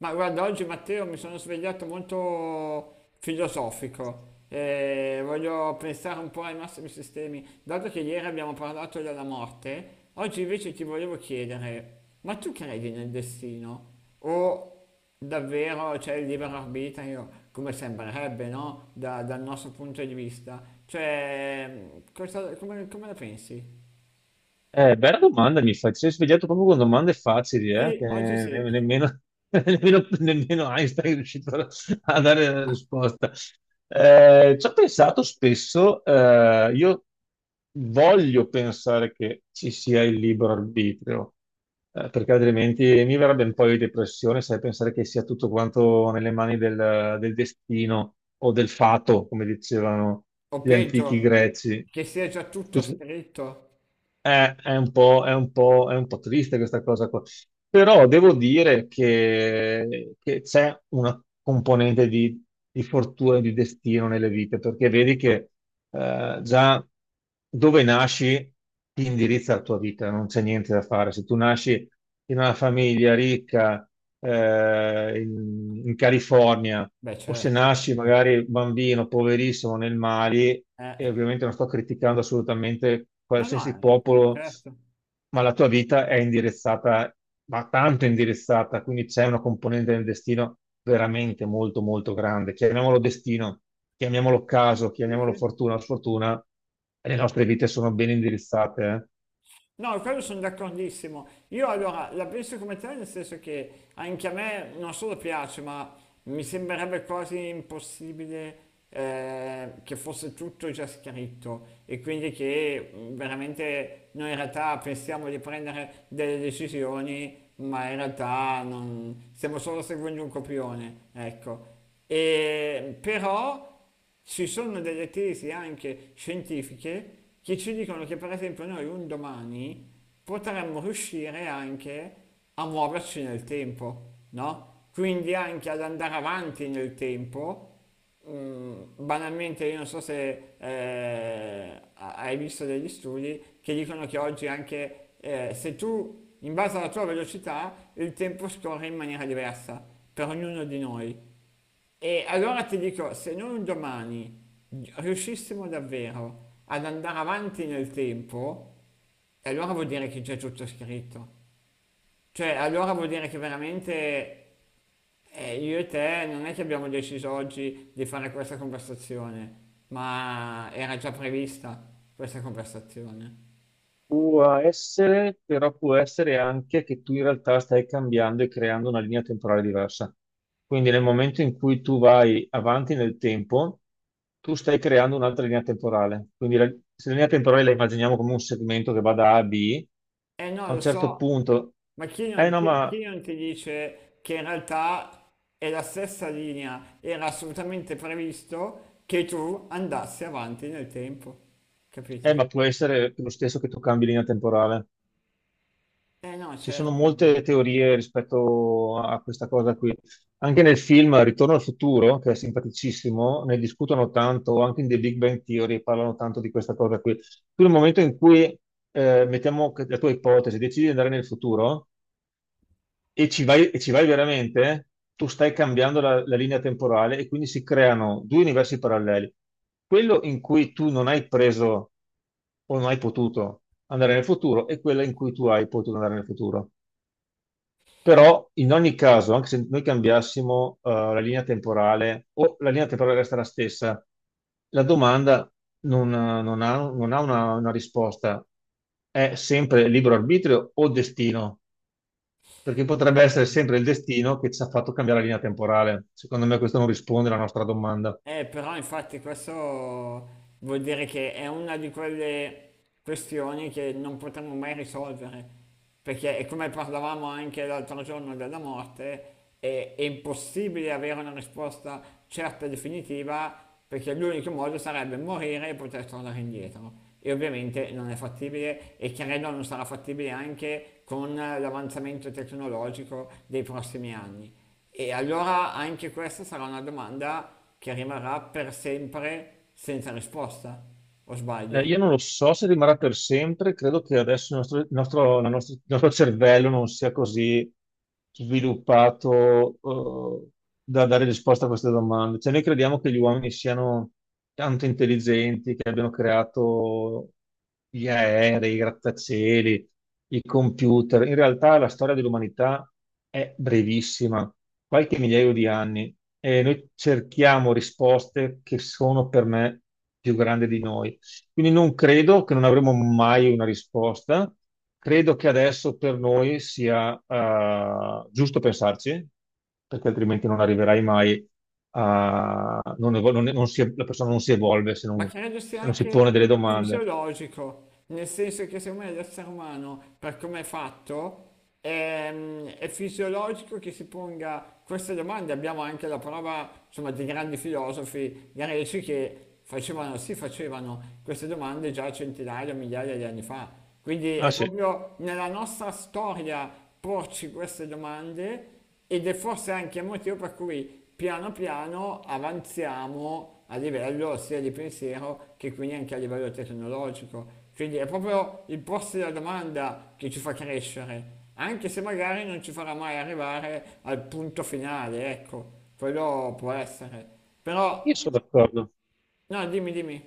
Ma guarda, oggi Matteo mi sono svegliato molto filosofico e voglio pensare un po' ai massimi sistemi. Dato che ieri abbiamo parlato della morte, oggi invece ti volevo chiedere, ma tu credi nel destino? O davvero c'è il libero arbitrio, come sembrerebbe, no? Dal nostro punto di vista. Cioè, come, come la pensi? Bella domanda mi fai, ti sei svegliato proprio con domande facili, Sì, oggi sì. Nemmeno, nemmeno Einstein è riuscito a dare la risposta. Ci ho pensato spesso, io voglio pensare che ci sia il libero arbitrio, perché altrimenti mi verrebbe un po' di depressione, sai, pensare che sia tutto quanto nelle mani del destino o del fato, come dicevano O gli antichi peggio, greci. che sia già tutto Così- scritto. È un po', è un po' triste questa cosa qua. Però devo dire che c'è una componente di fortuna e di destino nelle vite, perché vedi che già dove nasci ti indirizza la tua vita, non c'è niente da fare. Se tu nasci in una famiglia ricca in California Beh, o se certo. nasci magari bambino, poverissimo, nel Mali, e Eh, ovviamente non sto criticando assolutamente no, no, qualsiasi popolo certo. ma la tua vita è indirizzata, ma tanto indirizzata, quindi c'è una componente del destino veramente molto, molto grande. Chiamiamolo destino, chiamiamolo caso, Sì, sì. chiamiamolo fortuna o sfortuna, e le nostre vite sono ben indirizzate, eh. No, quello sono d'accordissimo. Io allora la penso come te, nel senso che anche a me non solo piace, ma mi sembrerebbe quasi impossibile che fosse tutto già scritto e quindi che veramente noi in realtà pensiamo di prendere delle decisioni, ma in realtà non stiamo solo seguendo un copione, ecco. E però ci sono delle tesi anche scientifiche che ci dicono che per esempio noi un domani potremmo riuscire anche a muoverci nel tempo, no? Quindi anche ad andare avanti nel tempo. Mm, banalmente io non so se hai visto degli studi che dicono che oggi anche se tu in base alla tua velocità il tempo scorre in maniera diversa per ognuno di noi. E allora ti dico, se noi un domani riuscissimo davvero ad andare avanti nel tempo, e allora vuol dire che c'è tutto scritto. Cioè, allora vuol dire che veramente io e te non è che abbiamo deciso oggi di fare questa conversazione, ma era già prevista questa conversazione. Può essere, però può essere anche che tu in realtà stai cambiando e creando una linea temporale diversa. Quindi nel momento in cui tu vai avanti nel tempo, tu stai creando un'altra linea temporale. Se la linea temporale la immaginiamo come un segmento che va da A a B, Eh no, a lo un certo so. punto, Ma eh no, chi non ti dice che in realtà è la stessa linea, era assolutamente previsto che tu andassi avanti nel tempo, capito? ma può essere lo stesso che tu cambi linea temporale. Eh no, Ci sono certo. Molte teorie rispetto a questa cosa qui. Anche nel film Ritorno al futuro, che è simpaticissimo, ne discutono tanto, anche in The Big Bang Theory parlano tanto di questa cosa qui. Tu nel momento in cui, la tua ipotesi, decidi di andare nel futuro e ci vai veramente, tu stai cambiando la linea temporale e quindi si creano due universi paralleli. Quello in cui tu non hai preso o non hai potuto andare nel futuro e quello in cui tu hai potuto andare nel futuro. Però in ogni caso, anche se noi cambiassimo la linea temporale o la linea temporale resta la stessa, la domanda non ha una risposta. È sempre libero arbitrio o destino? Perché potrebbe essere sempre il destino che ci ha fatto cambiare la linea temporale. Secondo me questo non risponde alla nostra domanda. Però infatti questo vuol dire che è una di quelle questioni che non potremo mai risolvere, perché è come parlavamo anche l'altro giorno della morte, è impossibile avere una risposta certa e definitiva, perché l'unico modo sarebbe morire e poter tornare indietro. E ovviamente non è fattibile e credo non sarà fattibile anche con l'avanzamento tecnologico dei prossimi anni. E allora anche questa sarà una domanda che rimarrà per sempre senza risposta, o sbaglio? Io non lo so se rimarrà per sempre, credo che adesso il nostro cervello non sia così sviluppato, eh, da dare risposta a queste domande. Cioè, noi crediamo che gli uomini siano tanto intelligenti, che abbiano creato gli aerei, i grattacieli, i computer. In realtà la storia dell'umanità è brevissima, qualche migliaio di anni, e noi cerchiamo risposte che sono per me più grandi di noi. Quindi non credo che non avremo mai una risposta. Credo che adesso per noi sia giusto pensarci, perché altrimenti non arriverai mai a... non evol- non- non si- la persona non si evolve se Ma non, credo sia se non si pone anche delle domande. fisiologico, nel senso che secondo me l'essere umano, per come è fatto, è fisiologico che si ponga queste domande. Abbiamo anche la prova, insomma, di grandi filosofi greci che facevano, si facevano queste domande già centinaia, migliaia di anni fa. Quindi Ah è sì, proprio nella nostra storia porci queste domande ed è forse anche il motivo per cui piano piano avanziamo a livello sia di pensiero che quindi anche a livello tecnologico. Quindi è proprio il porsi la domanda che ci fa crescere, anche se magari non ci farà mai arrivare al punto finale, ecco, quello può essere. io Però sono d'accordo. no, dimmi, dimmi.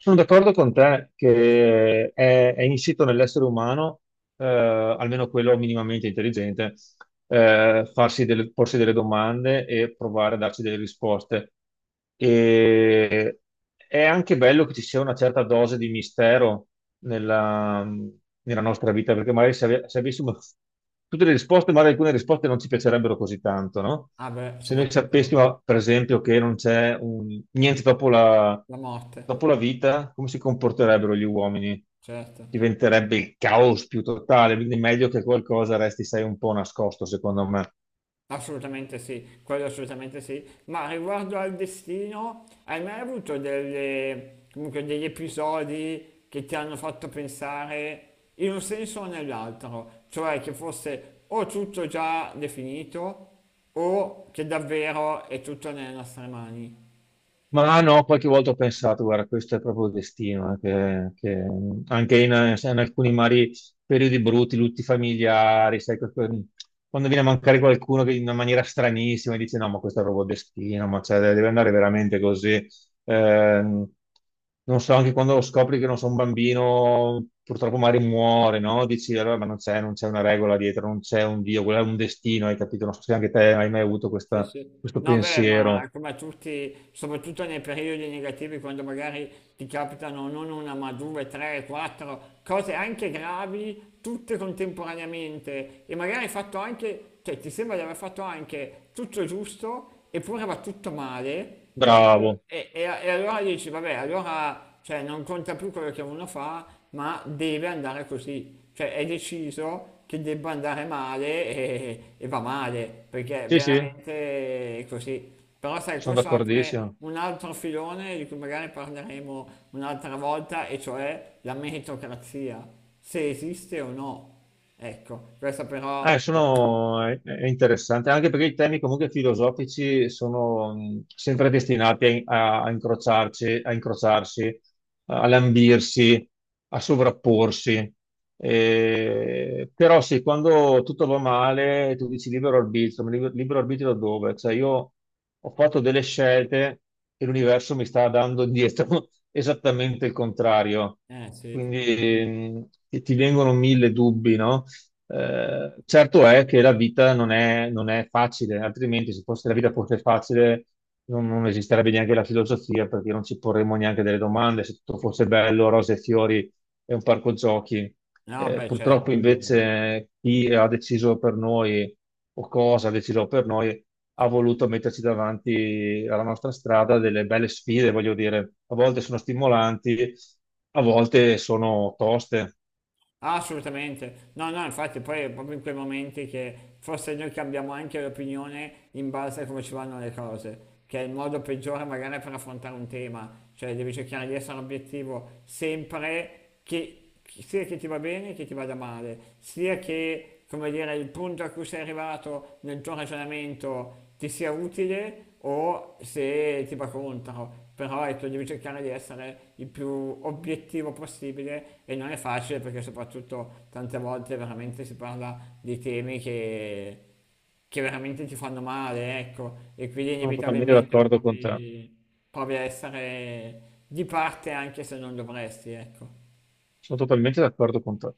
Sono d'accordo con te è insito nell'essere umano, almeno quello minimamente intelligente, porsi delle domande e provare a darci delle risposte. E è anche bello che ci sia una certa dose di mistero nella, nella nostra vita, perché magari se avessimo tutte le risposte, magari alcune risposte non ci piacerebbero così tanto, no? Ah beh, Se noi soprattutto sapessimo, per esempio, che non c'è un- niente la morte, dopo la vita, come si comporterebbero gli uomini? certo. Diventerebbe il caos più totale, quindi è meglio che qualcosa resti, sai, un po' nascosto, secondo me. Assolutamente sì, quello assolutamente sì, ma riguardo al destino, hai mai avuto comunque degli episodi che ti hanno fatto pensare in un senso o nell'altro? Cioè che fosse o tutto già definito o che davvero è tutto nelle nostre mani? Ma no, qualche volta ho pensato, guarda, questo è proprio il destino, che anche in alcuni mari periodi brutti, lutti familiari, sai, quando viene a mancare qualcuno che in una maniera stranissima dice no, ma questo è proprio il destino, ma cioè, deve andare veramente così. Ehm, Non so, anche quando scopri che non so, un bambino purtroppo magari muore, no? Dici allora, ma non c'è una regola dietro, non c'è un Dio, quello è un destino, hai capito? Non so se anche te hai mai avuto Sì, sì. questo No, beh, ma pensiero. come a tutti, soprattutto nei periodi negativi, quando magari ti capitano non una, ma due, tre, quattro cose anche gravi, tutte contemporaneamente, e magari hai fatto anche, cioè ti sembra di aver fatto anche tutto giusto, eppure va tutto male, Bravo. E allora dici, vabbè, allora cioè, non conta più quello che uno fa, ma deve andare così. Cioè è deciso che debba andare male e va male, perché Sì, sì, veramente è così. Però sai, sono questo apre d'accordissimo. un altro filone di cui magari parleremo un'altra volta, e cioè la meritocrazia, se esiste o no. Ecco, questa però... È interessante, anche perché i temi comunque filosofici sono sempre destinati a incrociarci, a incrociarsi, a lambirsi, a sovrapporsi. Però sì, quando tutto va male, tu dici libero arbitrio, ma libero arbitrio da dove? Cioè io ho fatto delle scelte e l'universo mi sta dando indietro esattamente il contrario. Sì, Quindi ti vengono mille dubbi, no? Certo è che la vita non è, non è facile, altrimenti se fosse la vita fosse facile non esisterebbe neanche la filosofia perché non ci porremmo neanche delle domande, se tutto fosse bello, rose e fiori e un parco giochi. no, beh, certo. Purtroppo invece chi ha deciso per noi o cosa ha deciso per noi ha voluto metterci davanti alla nostra strada delle belle sfide, voglio dire, a volte sono stimolanti, a volte sono toste. Ah, assolutamente, no, no, infatti poi è proprio in quei momenti che forse noi cambiamo anche l'opinione in base a come ci vanno le cose, che è il modo peggiore magari per affrontare un tema, cioè devi cercare di essere obiettivo sempre sia che ti va bene che ti vada male, sia che, come dire, il punto a cui sei arrivato nel tuo ragionamento ti sia utile o se ti va contro però ecco, devi cercare di essere il più obiettivo possibile e non è facile perché soprattutto tante volte veramente si parla di temi che veramente ti fanno male, ecco, e quindi Sono totalmente inevitabilmente d'accordo con te. provi, provi a essere di parte anche se non dovresti, ecco. Sono totalmente d'accordo con te.